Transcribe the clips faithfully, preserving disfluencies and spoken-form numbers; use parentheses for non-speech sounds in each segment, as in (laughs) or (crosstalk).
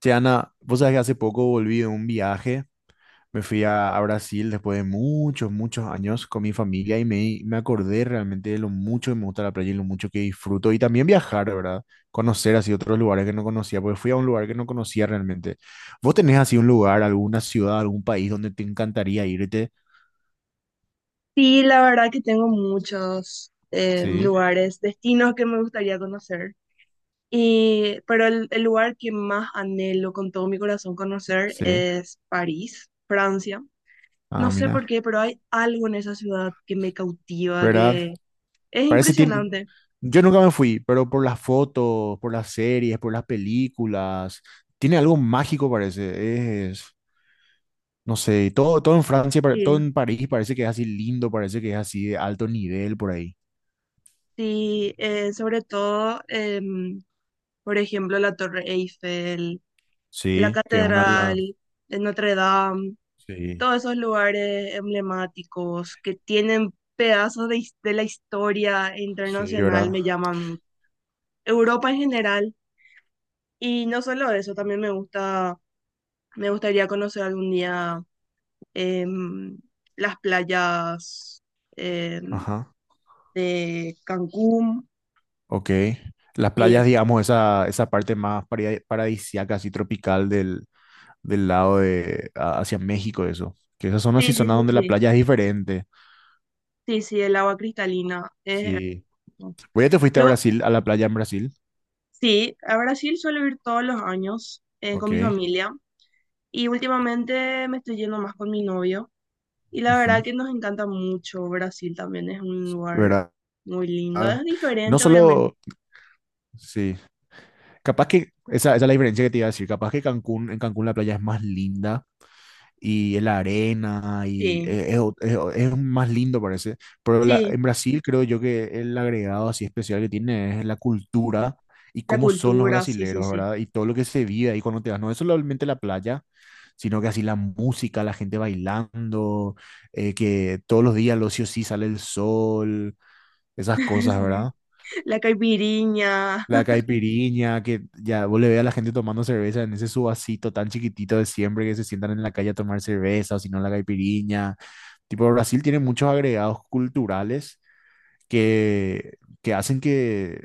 Che, Ana, vos sabés que hace poco volví de un viaje, me fui a, a Brasil después de muchos, muchos años con mi familia y me, me acordé realmente de lo mucho que me gusta la playa y lo mucho que disfruto y también viajar, ¿verdad? Conocer así otros lugares que no conocía, porque fui a un lugar que no conocía realmente. ¿Vos tenés así un lugar, alguna ciudad, algún país donde te encantaría irte? Sí, la verdad que tengo muchos eh, Sí, lugares, destinos que me gustaría conocer. Y, pero el, el lugar que más anhelo con todo mi corazón conocer sí. es París, Francia. No Ah, sé por mira, qué, pero hay algo en esa ciudad que me cautiva, ¿verdad? que es Parece tiene. impresionante. Yo nunca me fui, pero por las fotos, por las series, por las películas, tiene algo mágico, parece. Es, no sé, todo, todo en Francia, pare- Sí, todo en París parece que es así lindo, parece que es así de alto nivel por ahí. sí, eh, sobre todo, em, por ejemplo, la Torre Eiffel, la Sí, que es una de Catedral las- de Notre Dame. Sí, Todos esos lugares emblemáticos que tienen pedazos de, his- de la historia sí, internacional ¿verdad? me llaman mucho. Europa en general. Y no solo eso, también me gusta, me gustaría conocer algún día, em, las playas, em, Ajá, de Cancún ok. Las y playas, eso. digamos, esa, esa parte más paradis- paradisíaca, así tropical del, del lado de a- hacia México, eso. Que esas zonas sí Sí, sí, zonas sí, donde la sí. playa es diferente. Sí, sí, el agua cristalina es Sí. hermoso. Oye, te fuiste a Yo, Brasil, a la playa en Brasil. sí, a Brasil suelo ir todos los años eh, con mi Ok. familia y últimamente me estoy yendo más con mi novio. Y la verdad Ujú, que nos encanta mucho. Brasil también es un lugar ¿verdad? muy lindo. Es No diferente, obviamente. solo, sí. Capaz que, esa, esa es la diferencia que te iba a decir. Capaz que Cancún, en Cancún la playa es más linda. Y la arena y Sí, e- es, ot- es- o- es más lindo parece. Pero la- sí, en Brasil creo yo que el agregado así especial que tiene es la cultura y la cómo son los cultura, sí, sí, brasileros, sí. ¿verdad? Y todo lo que se vive ahí cuando te vas, no es solamente la playa, sino que así la música, la gente bailando, eh, que todos los días al ocio sí sale el sol, esas cosas, ¿verdad? (laughs) La caipirinha. La caipiriña, que ya vos le ve a la gente tomando cerveza en ese su vasito tan chiquitito de siempre que se sientan en la calle a tomar cerveza, o si no la caipiriña. Tipo, Brasil tiene muchos agregados culturales que, que hacen que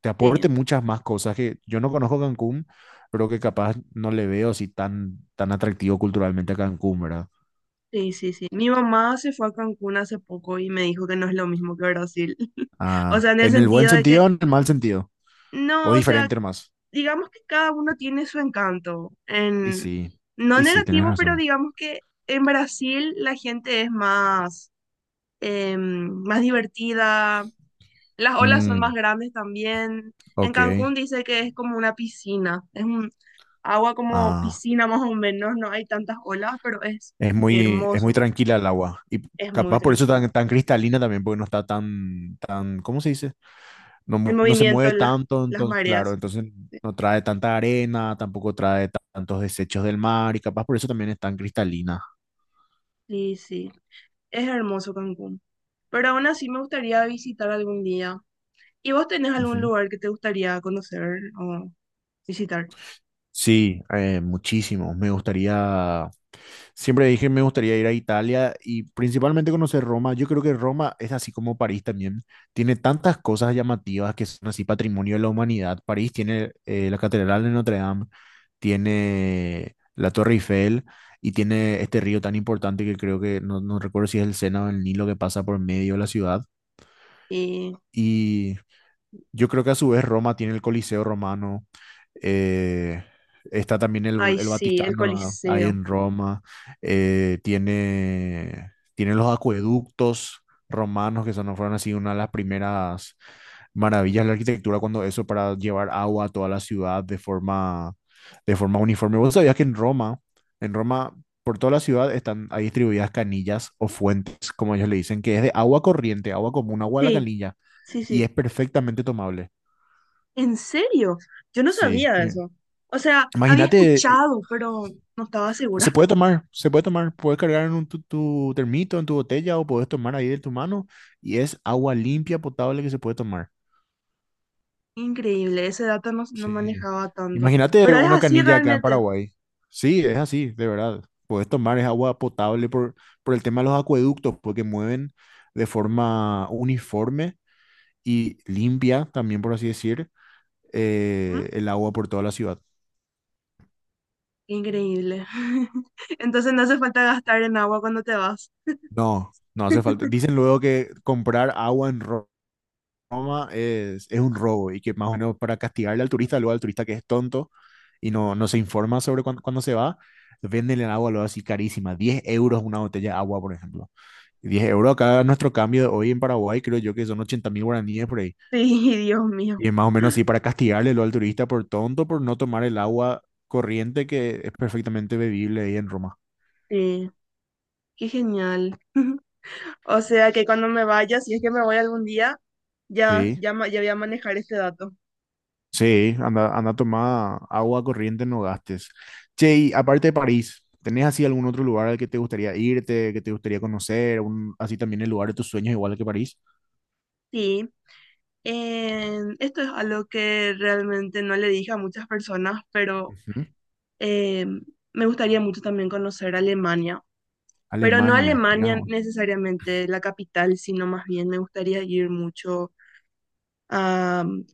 te aporte Sí, muchas más cosas que yo no conozco Cancún, pero que capaz no le veo así tan, tan atractivo culturalmente a Cancún, ¿verdad? sí, sí, sí. Mi mamá se fue a Cancún hace poco y me dijo que no es lo mismo que Brasil. (laughs) O sea, Ah, en el ¿en el buen sentido de sentido que, o en el mal sentido, o no, o sea, diferente más? digamos que cada uno tiene su encanto. Y En, sí, no y sí, tienes negativo, pero razón. digamos que en Brasil la gente es más, em, más divertida. Las olas son más Mm, grandes también. En Cancún ok. dice que es como una piscina, es un agua como Ah, piscina más o menos, no hay tantas olas, pero es es muy, es muy hermoso, tranquila el agua. Y es muy capaz por eso tranquilo. tan, tan cristalina también, porque no está tan, tan, ¿cómo se dice? No, El mu- no se movimiento, mueve las, tanto, las entonces, claro, mareas. entonces no trae tanta arena, tampoco trae ta- tantos desechos del mar, y capaz por eso también es tan cristalina. Sí, sí, es hermoso Cancún. Pero aún así me gustaría visitar algún día. ¿Y vos tenés algún Ujú. lugar que te gustaría conocer o visitar? Sí, eh, muchísimo. Me gustaría. Siempre dije, me gustaría ir a Italia y principalmente conocer Roma. Yo creo que Roma es así como París también. Tiene tantas cosas llamativas que son así patrimonio de la humanidad. París tiene eh, la Catedral de Notre Dame, tiene la Torre Eiffel y tiene este río tan importante que creo que no, no recuerdo si es el Sena o el Nilo que pasa por medio de la ciudad. Y, Y yo creo que a su vez Roma tiene el Coliseo romano, eh, está también el, ay, el sí, el Vaticano ahí Coliseo. en Roma, eh, tiene, tiene, los acueductos romanos que son, fueron así una de las primeras maravillas de la arquitectura cuando eso para llevar agua a toda la ciudad de forma, de forma uniforme. ¿Vos sabías que en Roma, en Roma, por toda la ciudad están ahí distribuidas canillas o fuentes, como ellos le dicen, que es de agua corriente, agua común, agua de la Sí, canilla sí, y sí. es perfectamente tomable? ¿En serio? Yo no Sí. sabía de Y eso. O sea, había imagínate, y- escuchado, pero no estaba se segura. puede tomar, se puede tomar, puedes cargar en un tu, tu termito, en tu botella o puedes tomar ahí de tu mano y es agua limpia, potable que se puede tomar. Increíble, ese dato no, no Sí. manejaba tanto. Imagínate Pero es una así canilla acá en realmente. Paraguay. Sí, es así, de verdad. Puedes tomar, es agua potable por, por el tema de los acueductos, porque mueven de forma uniforme y limpia, también por así decir, ¿Mm? eh, el agua por toda la ciudad. Increíble. (laughs) Entonces no hace falta gastar en agua cuando te vas. No, no hace falta. Dicen (laughs) luego que comprar agua en Ro- Roma es, es, un robo y que más o menos para castigarle al turista, luego al turista que es tonto y no, no se informa sobre cuándo, cuándo se va, venden el agua luego así carísima. Diez euros una botella de agua, por ejemplo. Diez euros acá nuestro cambio de hoy en Paraguay, creo yo que son ochenta mil guaraníes por ahí. Sí, Dios mío. Y es más o menos así para castigarle luego al turista por tonto, por no tomar el agua corriente que es perfectamente bebible ahí en Roma. Sí, qué genial. (laughs) O sea que cuando me vaya, si es que me voy algún día, ya, Sí. ya, ma- ya voy a manejar este dato. Sí, anda, anda a tomar agua corriente, no gastes. Che, y aparte de París, ¿tenés así algún otro lugar al que te gustaría irte, que te gustaría conocer? Un- así también el lugar de tus sueños, igual que París. Sí, en- esto es algo que realmente no le dije a muchas personas, pero Ujú. Eh, me gustaría mucho también conocer Alemania, pero no Alemania, mira Alemania vos. necesariamente la capital, sino más bien me gustaría ir mucho a mm,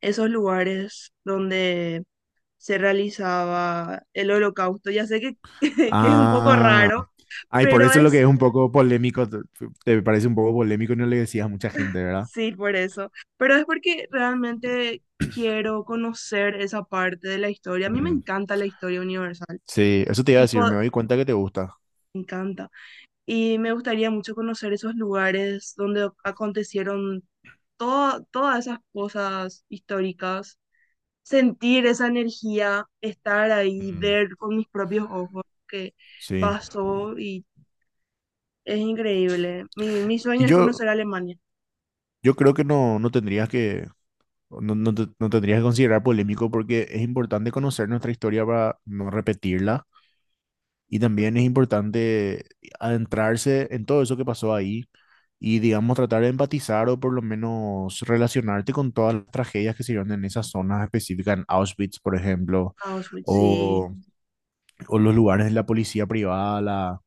esos lugares donde se realizaba el holocausto. Ya sé que, (laughs) que es un poco Ah, raro, ay, por pero eso es lo que es, es un poco polémico, te, te parece un poco polémico y no le decías a mucha gente, ¿verdad? sí, por eso, pero es porque realmente quiero conocer esa parte de la historia. A mí me Mm, encanta la historia universal sí, eso te iba a y decir, po- me doy cuenta que te gusta. me encanta. Y me gustaría mucho conocer esos lugares donde acontecieron todo- todas esas cosas históricas, sentir esa energía, estar ahí, Mm, ver con mis propios ojos que sí. pasó y es increíble. Mi, mi Y sueño es yo, conocer Alemania, yo creo. Que no, no tendrías que No, no, te- no tendrías que considerar polémico porque es importante conocer nuestra historia para no repetirla y también es importante adentrarse en todo eso que pasó ahí y digamos tratar de empatizar o por lo menos relacionarte con todas las tragedias que se dieron en esas zonas específicas, en Auschwitz, por ejemplo, Auschwitz, sí, o, o los lugares de la policía privada, la,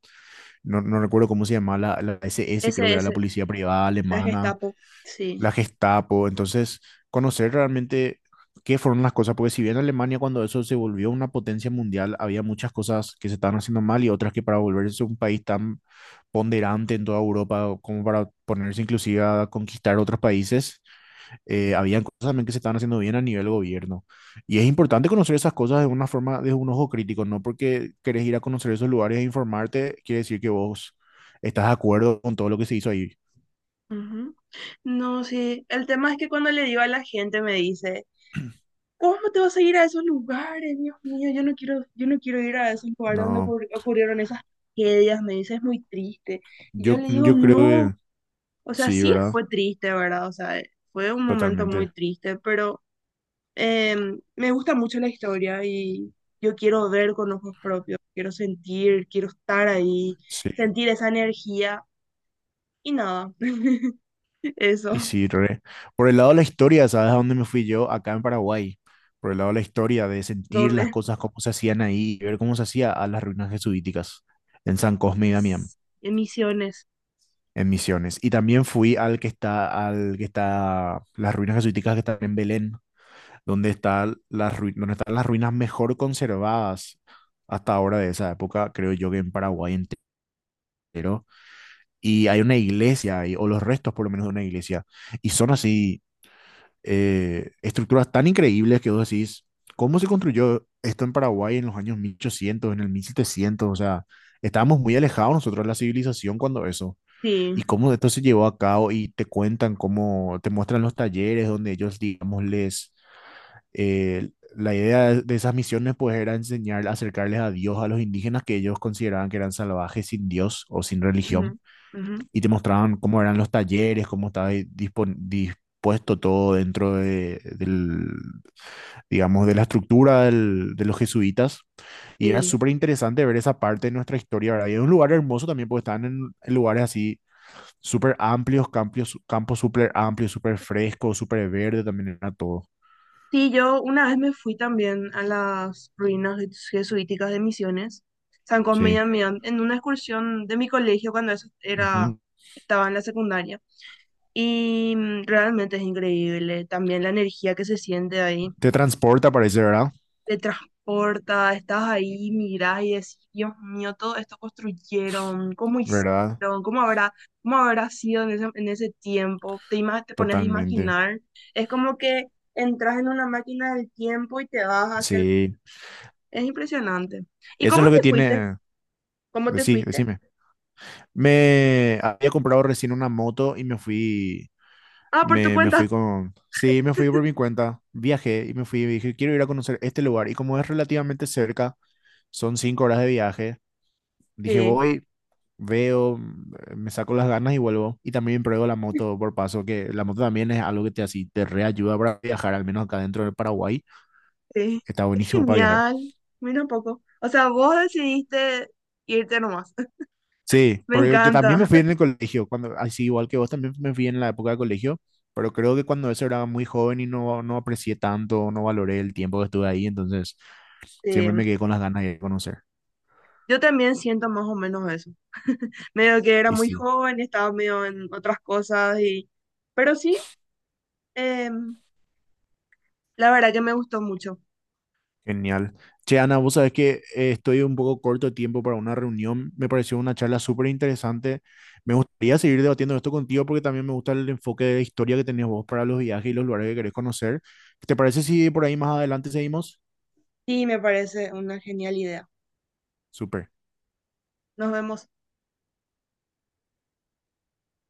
no, no recuerdo cómo se llamaba, la, la S S creo ese, que era la ese, policía privada la alemana Gestapo, sí. la Gestapo. Entonces, conocer realmente qué fueron las cosas, porque si bien Alemania cuando eso se volvió una potencia mundial, había muchas cosas que se estaban haciendo mal y otras que para volverse un país tan ponderante en toda Europa, o como para ponerse inclusive a conquistar otros países, eh, habían cosas también que se estaban haciendo bien a nivel gobierno. Y es importante conocer esas cosas de una forma, de un ojo crítico, no porque querés ir a conocer esos lugares e informarte, quiere decir que vos estás de acuerdo con todo lo que se hizo ahí. Ujú. No, sí, el tema es que cuando le digo a la gente me dice... ¿Cómo te vas a ir a esos lugares? Dios mío, yo no quiero, yo no quiero ir a esos lugares donde No, ocurri- ocurrieron esas tragedias, me dice, es muy triste. Y yo yo, le digo, yo no, creo o sea, Sí, sí ¿verdad? fue triste, ¿verdad? O sea, fue un momento muy Totalmente. triste, pero eh, me gusta mucho la historia y yo quiero ver con ojos propios, quiero sentir, quiero estar ahí, Sí. sentir esa energía y nada, (laughs) eso, Y sí, re. Por el lado de la historia, ¿sabes a dónde me fui yo? Acá en Paraguay. Por el lado de la historia, de sentir las ¿dónde? cosas como se hacían ahí, ver cómo se hacía, a las ruinas jesuíticas en San Cosme y Damián, Pues, en Misiones, en Misiones. Y también fui al que está, al que está, las ruinas jesuíticas que están en Belén, donde está las rui- donde están las ruinas mejor conservadas hasta ahora de esa época, creo yo que en Paraguay entero. Y hay una iglesia, ahí, o los restos por lo menos de una iglesia, y son así eh, estructuras tan increíbles que vos decís, ¿cómo se construyó esto en Paraguay en los años mil ochocientos, en el mil setecientos? O sea, estábamos muy alejados nosotros de la civilización cuando eso, sí, y cómo esto se llevó a cabo, y te cuentan cómo, te muestran los talleres donde ellos, digamos, les... eh, la idea de de esas misiones pues era enseñar, acercarles a Dios a los indígenas que ellos consideraban que eran salvajes sin Dios o sin ujú, religión, ujú, y te mostraban cómo eran los talleres, cómo estaba di- dispon- dispuesto todo dentro de, del, digamos, de la estructura del- de los jesuitas. Y era sí. súper interesante ver esa parte de nuestra historia, ¿verdad? Y es un lugar hermoso también porque estaban en, en lugares así súper amplios, campos, campos súper amplios, súper frescos, súper verde también era todo. Sí, yo una vez me fui también a las ruinas jesuíticas de Misiones, San Cosme y Sí. Damián, en una excursión de mi colegio cuando eso era, Ujú. estaba en la secundaria. Y mm, realmente es increíble también la energía que se siente ahí, Te transporta, parece, ¿verdad? te transporta, estás ahí, mirás y decís, Dios mío, todo esto construyeron, cómo ¿Verdad? hicieron, cómo habrá, cómo habrá sido en ese, en ese tiempo, te, ima- te pones a Totalmente. imaginar, es como que entras en una máquina del tiempo y te vas hacia el... Sí. Es impresionante. ¿Y Eso es cómo lo que te fuiste? tiene... ¿Cómo te Sí, fuiste? decime. Me había comprado recién una moto y me fui, Ah, por tu me, me fui cuenta. con, sí, me fui por mi (laughs) cuenta, viajé y me fui y dije, quiero ir a conocer este lugar. Y como es relativamente cerca, son cinco horas de viaje, dije, Sí, voy, veo, mm, me saco las ganas y vuelvo. Y también pruebo la moto por paso, que la moto también es algo que te, así, te reayuda para viajar, al menos acá dentro del Paraguay, sí. está Es buenísimo para viajar. genial. Mira un poco. O sea, vos decidiste irte nomás. Sí, (laughs) Me porque yo también encanta. me fui en el colegio, cuando, así igual que vos, también me fui en la época de colegio, pero creo que cuando eso era muy joven y no, no aprecié tanto, no valoré el tiempo que estuve ahí, entonces Sí. siempre me quedé con las ganas de conocer. Yo también siento más o menos eso. Medio que era Y muy sí, joven y estaba medio en otras cosas y pero sí, em, la verdad que me gustó mucho genial. Che, Ana, vos sabés que eh, estoy un poco corto de tiempo para una reunión, me pareció una charla súper interesante. Me gustaría seguir debatiendo esto contigo porque también me gusta el enfoque de historia que tenés vos para los viajes y los lugares que querés conocer. ¿Te parece si por ahí más adelante seguimos? y me parece una genial idea. Súper. Nos vemos.